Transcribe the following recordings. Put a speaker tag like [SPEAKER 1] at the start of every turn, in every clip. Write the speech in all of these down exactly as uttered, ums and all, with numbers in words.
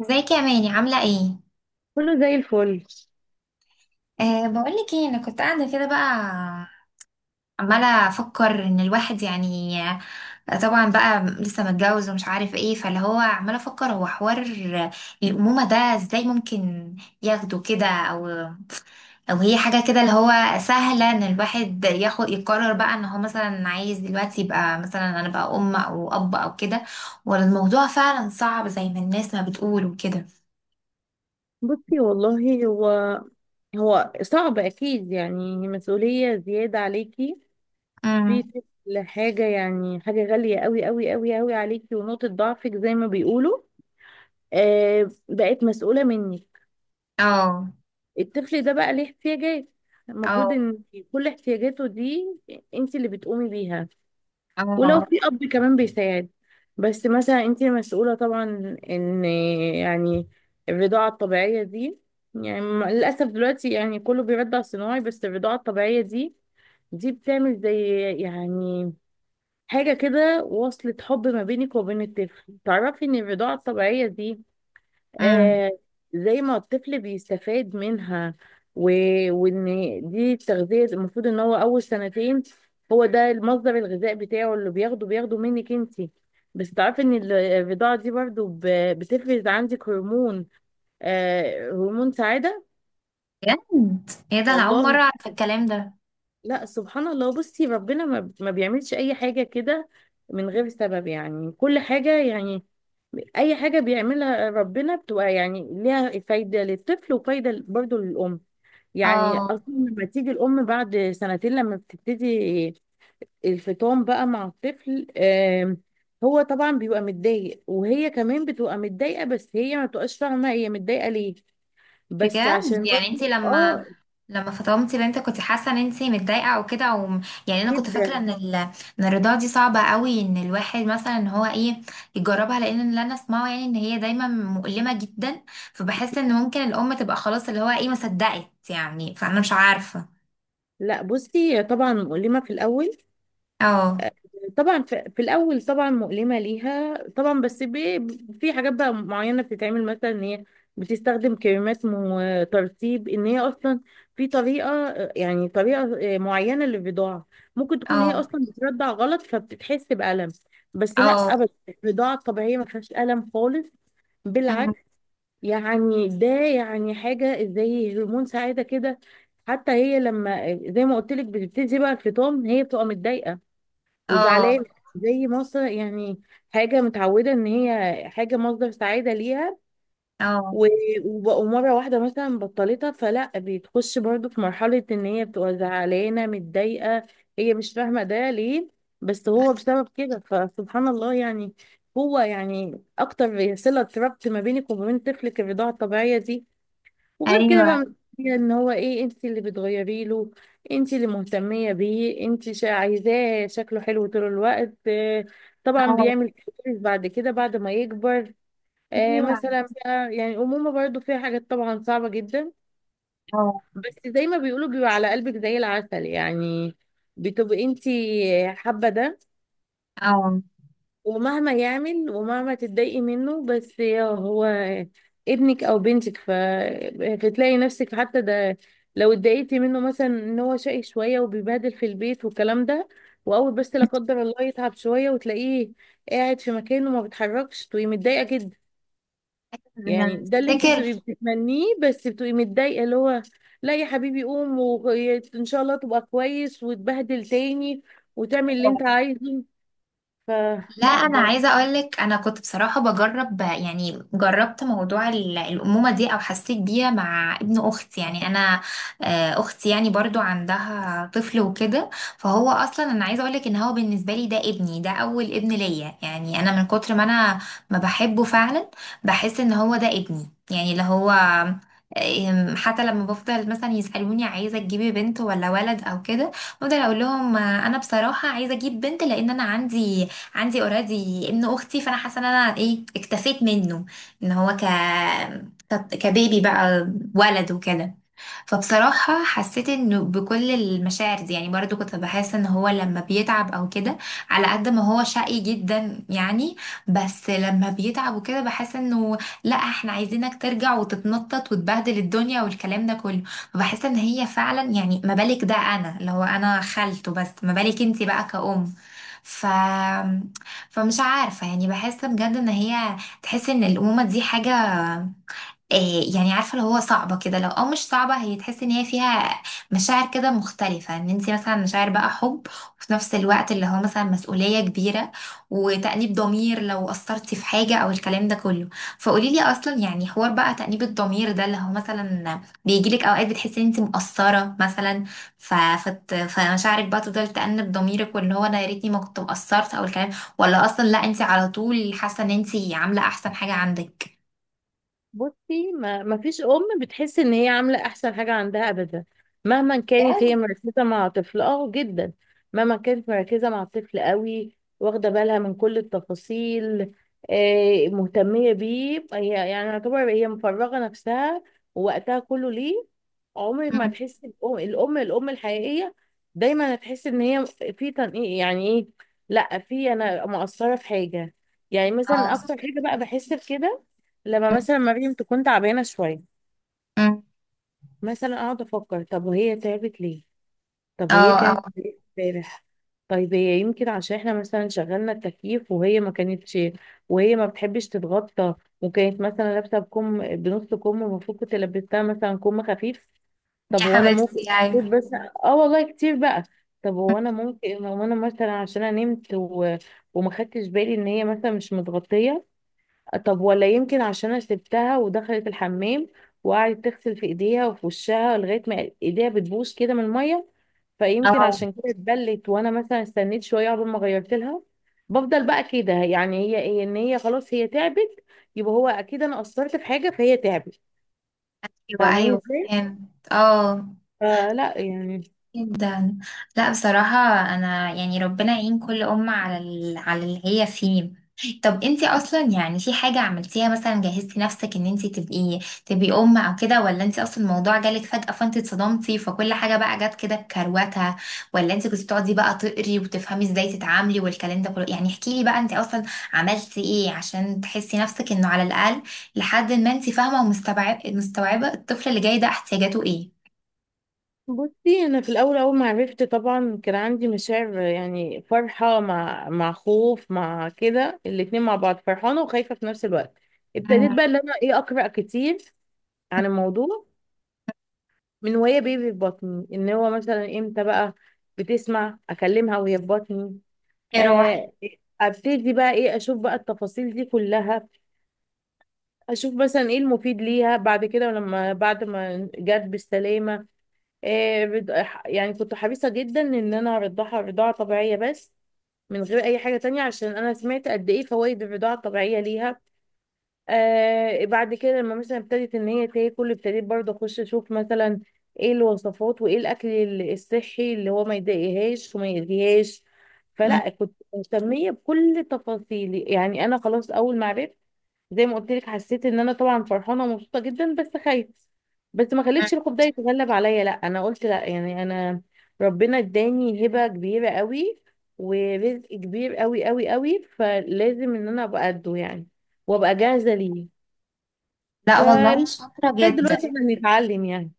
[SPEAKER 1] ازيك يا ماني عاملة ايه؟
[SPEAKER 2] كله زي الفل.
[SPEAKER 1] أه بقولك ايه، انا كنت قاعدة كده بقى، عمالة افكر ان الواحد يعني آه، طبعا بقى لسه متجوز ومش عارف ايه، فاللي هو عمالة افكر هو حوار الأمومة ده، ازاي ممكن ياخده كده او او هي حاجة كده اللي هو سهلة ان الواحد ياخد يقرر بقى ان هو مثلا عايز دلوقتي يبقى مثلا انا بقى ام او اب او كده، ولا الموضوع فعلا صعب زي ما الناس ما بتقول وكده.
[SPEAKER 2] بصي والله هو هو صعب اكيد، يعني مسؤولية زيادة عليكي في
[SPEAKER 1] امم.
[SPEAKER 2] كل حاجة. يعني حاجة غالية قوي قوي قوي قوي عليكي ونقطة ضعفك زي ما بيقولوا. آه، بقت مسؤولة منك
[SPEAKER 1] اه.
[SPEAKER 2] الطفل ده، بقى ليه احتياجات. المفروض
[SPEAKER 1] اه.
[SPEAKER 2] ان كل احتياجاته دي انت اللي بتقومي بيها. ولو
[SPEAKER 1] اه.
[SPEAKER 2] في اب كمان بيساعد، بس مثلا انت مسؤولة طبعا. ان يعني الرضاعة الطبيعية دي، يعني م- للأسف دلوقتي يعني كله بيرضع صناعي، بس الرضاعة الطبيعية دي، دي بتعمل زي يعني حاجة كده، وصلة حب ما بينك وبين الطفل. تعرفي ان الرضاعة الطبيعية دي،
[SPEAKER 1] امم.
[SPEAKER 2] آه، زي ما الطفل بيستفاد منها و... وان دي التغذية المفروض ان هو اول سنتين، هو ده المصدر الغذاء بتاعه اللي بياخده بياخده منك انتي. بس تعرفي ان ال- الرضاعة دي برضو ب... بتفرز عندك هرمون، آه هرمون سعادة.
[SPEAKER 1] بجد، ايه ده؟ انا اول
[SPEAKER 2] والله
[SPEAKER 1] مره اعرف الكلام ده.
[SPEAKER 2] لا، سبحان الله. بصي ربنا ما, ما بيعملش اي حاجة كده من غير سبب. يعني كل حاجة، يعني اي حاجة بيعملها ربنا بتبقى يعني ليها فايدة للطفل وفايدة برضو للأم. يعني
[SPEAKER 1] اه.
[SPEAKER 2] اصلا لما تيجي الام بعد سنتين لما بتبتدي الفطام بقى مع الطفل، آم، هو طبعا بيبقى متضايق وهي كمان بتبقى متضايقه، بس هي ما بتبقاش فاهمه هي متضايقه ليه. بس
[SPEAKER 1] بجد
[SPEAKER 2] عشان
[SPEAKER 1] يعني انت
[SPEAKER 2] برضه
[SPEAKER 1] لما
[SPEAKER 2] اه.
[SPEAKER 1] لما فطمتي بنتك كنت حاسه ان انت متضايقه او كده او يعني، انا كنت فاكره
[SPEAKER 2] جدا.
[SPEAKER 1] ان ال... ان الرضاعه دي صعبه قوي، ان الواحد مثلا ان هو ايه يجربها، لان اللي انا اسمعه يعني ان هي دايما مؤلمه جدا، فبحس ان ممكن الام تبقى خلاص اللي هو ايه ما صدقت يعني، فانا مش عارفه.
[SPEAKER 2] لا بصي، طبعا مؤلمه في الاول،
[SPEAKER 1] اه.
[SPEAKER 2] طبعا في, في الاول طبعا مؤلمه ليها طبعا، بس بي في حاجات بقى معينه بتتعمل، مثلا ان هي بتستخدم كريمات وترطيب، ان هي اصلا في طريقه، يعني طريقه معينه للرضاعه. ممكن تكون هي
[SPEAKER 1] اه.
[SPEAKER 2] اصلا بترضع غلط فبتتحس بالم. بس لا،
[SPEAKER 1] اه.
[SPEAKER 2] ابدا الرضاعه الطبيعيه ما فيهاش الم خالص،
[SPEAKER 1] أمم.
[SPEAKER 2] بالعكس. يعني ده يعني حاجه زي هرمون سعاده كده. حتى هي لما زي ما قلت لك بتبتدي بقى الفطام، هي بتبقى متضايقه
[SPEAKER 1] اه.
[SPEAKER 2] وزعلانة، زي مصر، يعني حاجة متعودة ان هي حاجة مصدر سعادة ليها.
[SPEAKER 1] اه.
[SPEAKER 2] و- وبقوا مرة واحدة مثلا بطلتها، فلا بتخش برضو في مرحلة ان هي بتبقى زعلانة متضايقة. هي مش فاهمة ده ليه، بس هو بسبب كده. فسبحان الله، يعني هو يعني اكتر صلة ربط ما بينك وما بين طفلك الرضاعة الطبيعية دي. وغير كده
[SPEAKER 1] ايوه.
[SPEAKER 2] بقى مسؤولية ان هو ايه، انت اللي بتغيري له، انت اللي مهتمية بيه، انت شا- عايزاه شكله حلو طول الوقت. آه، طبعا
[SPEAKER 1] اه.
[SPEAKER 2] بيعمل كويس بعد كده بعد ما يكبر. آه
[SPEAKER 1] ايوه.
[SPEAKER 2] مثلا بقى، يعني الأمومة برضو فيها حاجات طبعا صعبة جدا،
[SPEAKER 1] اه.
[SPEAKER 2] بس زي ما بيقولوا بيبقى على قلبك زي العسل. يعني بتبقي انت حابة ده.
[SPEAKER 1] اه.
[SPEAKER 2] ومهما يعمل ومهما تتضايقي منه، بس يا هو ابنك او بنتك. ف... فتلاقي نفسك، حتى ده لو اتضايقتي منه مثلا ان هو شقي شويه وبيبهدل في البيت والكلام ده، واول بس لا قدر الله يتعب شويه وتلاقيه قاعد في مكانه ما بيتحركش، تبقي متضايقه جدا. يعني
[SPEAKER 1] انا
[SPEAKER 2] ده اللي انت
[SPEAKER 1] افتكر.
[SPEAKER 2] بتبقي بتتمنيه، بس بتبقي متضايقه، اللي هو لا يا حبيبي قوم، وان شاء الله تبقى كويس وتبهدل تاني وتعمل اللي انت عايزه.
[SPEAKER 1] لا
[SPEAKER 2] فلا
[SPEAKER 1] انا
[SPEAKER 2] ده.
[SPEAKER 1] عايزه اقولك، انا كنت بصراحه بجرب يعني، جربت موضوع ال- الامومه دي او حسيت بيها مع ابن اختي، يعني انا آه، اختي يعني برضو عندها طفل وكده، فهو اصلا انا عايزه اقولك ان هو بالنسبه لي ده ابني، ده اول ابن ليا يعني، انا من كتر ما انا ما بحبه فعلا بحس ان هو ده ابني يعني اللي هو آه، آم، حتى لما بفضل مثلا يسألوني عايزة تجيبي بنت ولا ولد أو كده، بفضل أقول لهم آه، أنا بصراحة عايزة أجيب بنت، لأن أنا عندي عندي اوريدي ابن اختي، فانا حاسه ان انا ايه اكتفيت منه، ان هو ك ك- كبيبي بقى، ولد وكده. فبصراحة حسيت انه بكل المشاعر دي، يعني برضو كنت بحس ان هو لما بيتعب او كده، على قد ما هو شقي جدا يعني، بس لما بيتعب وكده بحس انه لا احنا عايزينك ترجع وتتنطط وتبهدل الدنيا والكلام ده كله. فبحس ان هي فعلا يعني، ما بالك ده انا اللي هو انا خالته، بس ما بالك انتي بقى كأم؟ ف... فمش عارفة يعني، بحس بجد ان هي تحس ان الأمومة دي حاجة إيه يعني، عارفه اللي هو صعبه كده لو او مش صعبه، هي تحس ان هي فيها مشاعر كده مختلفه، ان انت مثلا مشاعر بقى حب، وفي نفس الوقت اللي هو مثلا مسؤوليه كبيره، وتأنيب ضمير لو قصرتي في حاجه او الكلام ده كله. فقولي لي اصلا يعني، حوار بقى تأنيب الضمير ده اللي هو مثلا بيجي لك اوقات بتحسي ان انت مقصره مثلا، ف... فت... فمشاعرك بقى تفضل تأنب ضميرك واللي هو انا يا ريتني ما كنت مقصرت او الكلام، ولا اصلا لا انت على طول حاسه ان انت عامله احسن حاجه عندك؟
[SPEAKER 2] بصي ما ما فيش ام بتحس ان هي عامله احسن حاجه عندها ابدا، مهما كانت هي
[SPEAKER 1] بجد.
[SPEAKER 2] مركزه مع طفل اه جدا. مهما كانت مركزه مع الطفل قوي، واخده بالها من كل التفاصيل، آه مهتميه بيه هي، يعني يعتبر هي مفرغه نفسها ووقتها كله ليه. عمرك ما
[SPEAKER 1] مم.
[SPEAKER 2] تحس الام الام الام الحقيقيه دايما هتحس ان هي في تنقيق، يعني ايه، لا في انا مقصره في حاجه. يعني
[SPEAKER 1] اه.
[SPEAKER 2] مثلا اكتر حاجه بقى بحس بكده لما مثلا مريم تكون تعبانة شوية،
[SPEAKER 1] أمم.
[SPEAKER 2] مثلا اقعد افكر طب هي تعبت ليه،
[SPEAKER 1] اه.
[SPEAKER 2] طب هي كانت
[SPEAKER 1] اه.
[SPEAKER 2] ليه امبارح، طيب هي يمكن عشان احنا مثلا شغلنا التكييف وهي ما كانتش، وهي ما بتحبش تتغطى، وكانت مثلا لابسة بكم بنص كم ومفروض كنت لبستها مثلا كم خفيف. طب
[SPEAKER 1] يا
[SPEAKER 2] هو انا ممكن
[SPEAKER 1] حبيبتي،
[SPEAKER 2] كنت
[SPEAKER 1] ايوه.
[SPEAKER 2] بس اه والله كتير بقى. طب هو انا ممكن، هو انا مثلا عشان انا نمت و... وما خدتش بالي ان هي مثلا مش متغطية. طب ولا يمكن عشان انا سبتها ودخلت الحمام، وقعدت تغسل في ايديها وفي وشها لغايه ما ايديها بتبوش كده من الميه، فيمكن
[SPEAKER 1] اه.
[SPEAKER 2] عشان كده اتبلت وانا مثلا استنيت شويه قبل ما غيرت لها. بفضل بقى كده، يعني هي ايه ان هي خلاص هي تعبت، يبقى هو اكيد انا قصرت في حاجه فهي تعبت.
[SPEAKER 1] ايوه.
[SPEAKER 2] فاهماني
[SPEAKER 1] ايوه.
[SPEAKER 2] ازاي؟
[SPEAKER 1] فهمت، اه.
[SPEAKER 2] آه لا يعني.
[SPEAKER 1] جدا. لا بصراحة، أنا يعني ربنا يعين كل أم على ال... على اللي هي فيه. طب انتي أصلا يعني في حاجة عملتيها مثلا، جهزتي نفسك إن انتي تبقي تبقي أم أو كده، ولا انتي أصلا الموضوع جالك فجأة فانتي اتصدمتي فكل حاجة بقى جت كده بكروتها، ولا انتي كنتي بتقعدي بقى تقري وتفهمي ازاي تتعاملي والكلام ده كله؟ يعني احكيلي بقى، انتي أصلا عملتي ايه عشان تحسي نفسك إنه على الأقل لحد ما انتي فاهمة ومستوعبة، مستوعبة الطفل اللي جاي ده احتياجاته ايه.
[SPEAKER 2] بصي انا في الاول اول ما عرفت طبعا كان عندي مشاعر، يعني فرحه مع مع خوف مع كده، الاتنين مع بعض، فرحانه وخايفه في نفس الوقت. ابتديت
[SPEAKER 1] مم.
[SPEAKER 2] بقى ان انا ايه اقرا كتير عن الموضوع، من وهي بيبي في بطني، ان هو مثلا امتى بقى بتسمع. اكلمها وهي في بطني،
[SPEAKER 1] يا روحي.
[SPEAKER 2] آه، ابتدي بقى ايه اشوف بقى التفاصيل دي كلها. اشوف مثلا ايه المفيد ليها بعد كده. لما بعد ما جت بالسلامه، آه، بد- ح- يعني كنت حريصة جدا ان انا ارضعها رضاعة طبيعية بس، من غير اي حاجة تانية، عشان انا سمعت قد ايه فوائد الرضاعة الطبيعية ليها. آه بعد كده لما مثلا ابتدت ان هي تاكل، ابتديت برضه اخش اشوف مثلا ايه الوصفات وايه الاكل ال- الصحي اللي هو ما يضايقهاش وما يأذيهاش.
[SPEAKER 1] مم.
[SPEAKER 2] فلا كنت مهتمية بكل تفاصيل. يعني انا خلاص اول ما عرفت زي ما قلت لك، حسيت ان انا طبعا فرحانه ومبسوطه جدا بس خايفه، بس ما خليتش الخوف ده يتغلب عليا. لا انا قلت لا، يعني انا ربنا اداني هبه كبيره قوي ورزق كبير قوي قوي قوي، فلازم ان انا ابقى قده يعني، وابقى جاهزه ليه.
[SPEAKER 1] لا والله
[SPEAKER 2] فلغايه
[SPEAKER 1] شاطرة جدا.
[SPEAKER 2] دلوقتي احنا بنتعلم يعني.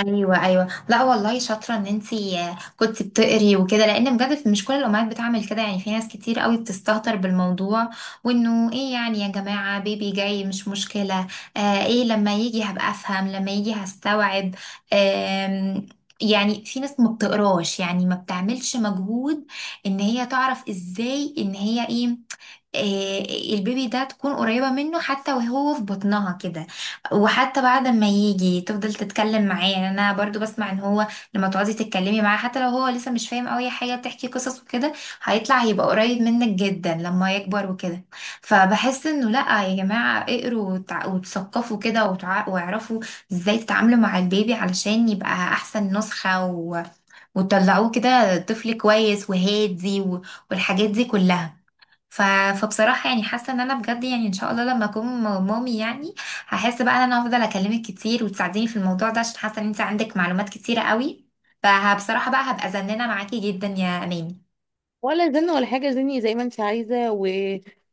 [SPEAKER 1] ايوه، ايوه. لا والله شاطرة ان انتي آه، كنت بتقري وكده، لان بجد مش كل الامهات بتعمل كده، يعني في ناس كتير قوي بتستهتر بالموضوع، وانه ايه يعني يا جماعة بيبي جاي مش مشكلة، آه ايه لما يجي هبقى افهم لما يجي هستوعب. آم، يعني في ناس ما بتقراش، يعني ما بتعملش مجهود ان هي تعرف ازاي ان هي ايه إيه، البيبي ده تكون قريبة منه حتى وهو في بطنها كده، وحتى بعد ما يجي تفضل تتكلم معاه، يعني انا برضو بسمع ان هو لما تقعدي تتكلمي معاه حتى لو هو لسه مش فاهم قوي حاجة، بتحكي قصص وكده هيطلع هيبقى قريب منك جدا لما يكبر وكده. فبحس انه لا يا جماعة اقروا وتع- وتثقفوا كده وتع- واعرفوا ازاي تتعاملوا مع البيبي علشان يبقى احسن نسخة و... وتطلعوه كده طفل كويس وهادي و... والحاجات دي كلها. ف... فبصراحة يعني حاسة ان انا بجد، يعني ان شاء الله لما اكون م- مامي يعني، هحس بقى ان انا هفضل اكلمك كتير وتساعديني في الموضوع ده، عشان حاسة ان انت عندك معلومات كتيرة قوي. فبصراحة بقى هبقى زنانة معاكي جدا يا اماني.
[SPEAKER 2] ولا زلنا ولا حاجه زني زي ما انت عايزه و...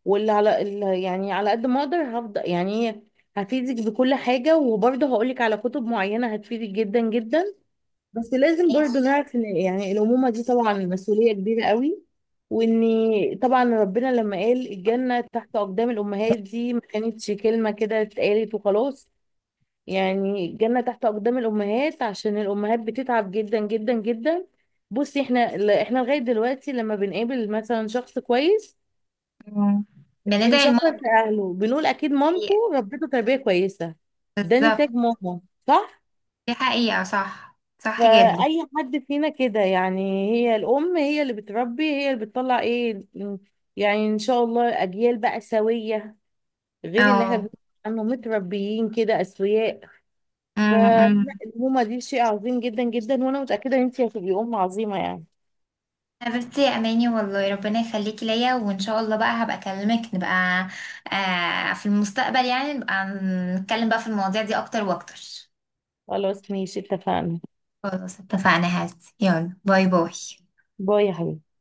[SPEAKER 2] واللي على اللي، يعني على قد ما اقدر هفضل يعني هفيدك بكل حاجه، وبرضه هقولك على كتب معينه هتفيدك جدا جدا. بس لازم برضو
[SPEAKER 1] ماشي.
[SPEAKER 2] نعرف ان يعني الأمومة دي طبعا مسؤولية كبيرة قوي. واني طبعا ربنا لما قال الجنة تحت أقدام الأمهات، دي ما كانتش كلمة كده اتقالت وخلاص. يعني الجنة تحت أقدام الأمهات عشان الأمهات بتتعب جدا جدا جدا. بصي احنا ل- احنا لغاية دلوقتي لما بنقابل مثلا شخص كويس،
[SPEAKER 1] مم. بندعي الماما.
[SPEAKER 2] بنشكر في أهله، بنقول أكيد مامته
[SPEAKER 1] حقيقة.
[SPEAKER 2] ربته تربية كويسة. ده
[SPEAKER 1] بالظبط.
[SPEAKER 2] نتاج ماما، صح؟
[SPEAKER 1] دي حقيقة، صح، صح جدا.
[SPEAKER 2] فأي حد فينا كده، يعني هي الأم هي اللي بتربي، هي اللي بتطلع إيه، يعني إن شاء الله أجيال بقى سوية، غير اللي احنا
[SPEAKER 1] اه.
[SPEAKER 2] بنسمع عنه متربيين كده أسوياء.
[SPEAKER 1] مم. مم.
[SPEAKER 2] فالأمومة دي شيء عظيم جدا جدا، وأنا متأكدة إن أنتي هتبقي أم عظيمة يعني.
[SPEAKER 1] حبيبتي يا اماني، والله ربنا يخليكي ليا، وان شاء الله بقى هبقى اكلمك، نبقى آه في المستقبل يعني نبقى نتكلم بقى في المواضيع دي اكتر واكتر.
[SPEAKER 2] خلاص ماشي اتفقنا.
[SPEAKER 1] خلاص اتفقنا، هات، يلا باي باي.
[SPEAKER 2] باي يا حبيبي.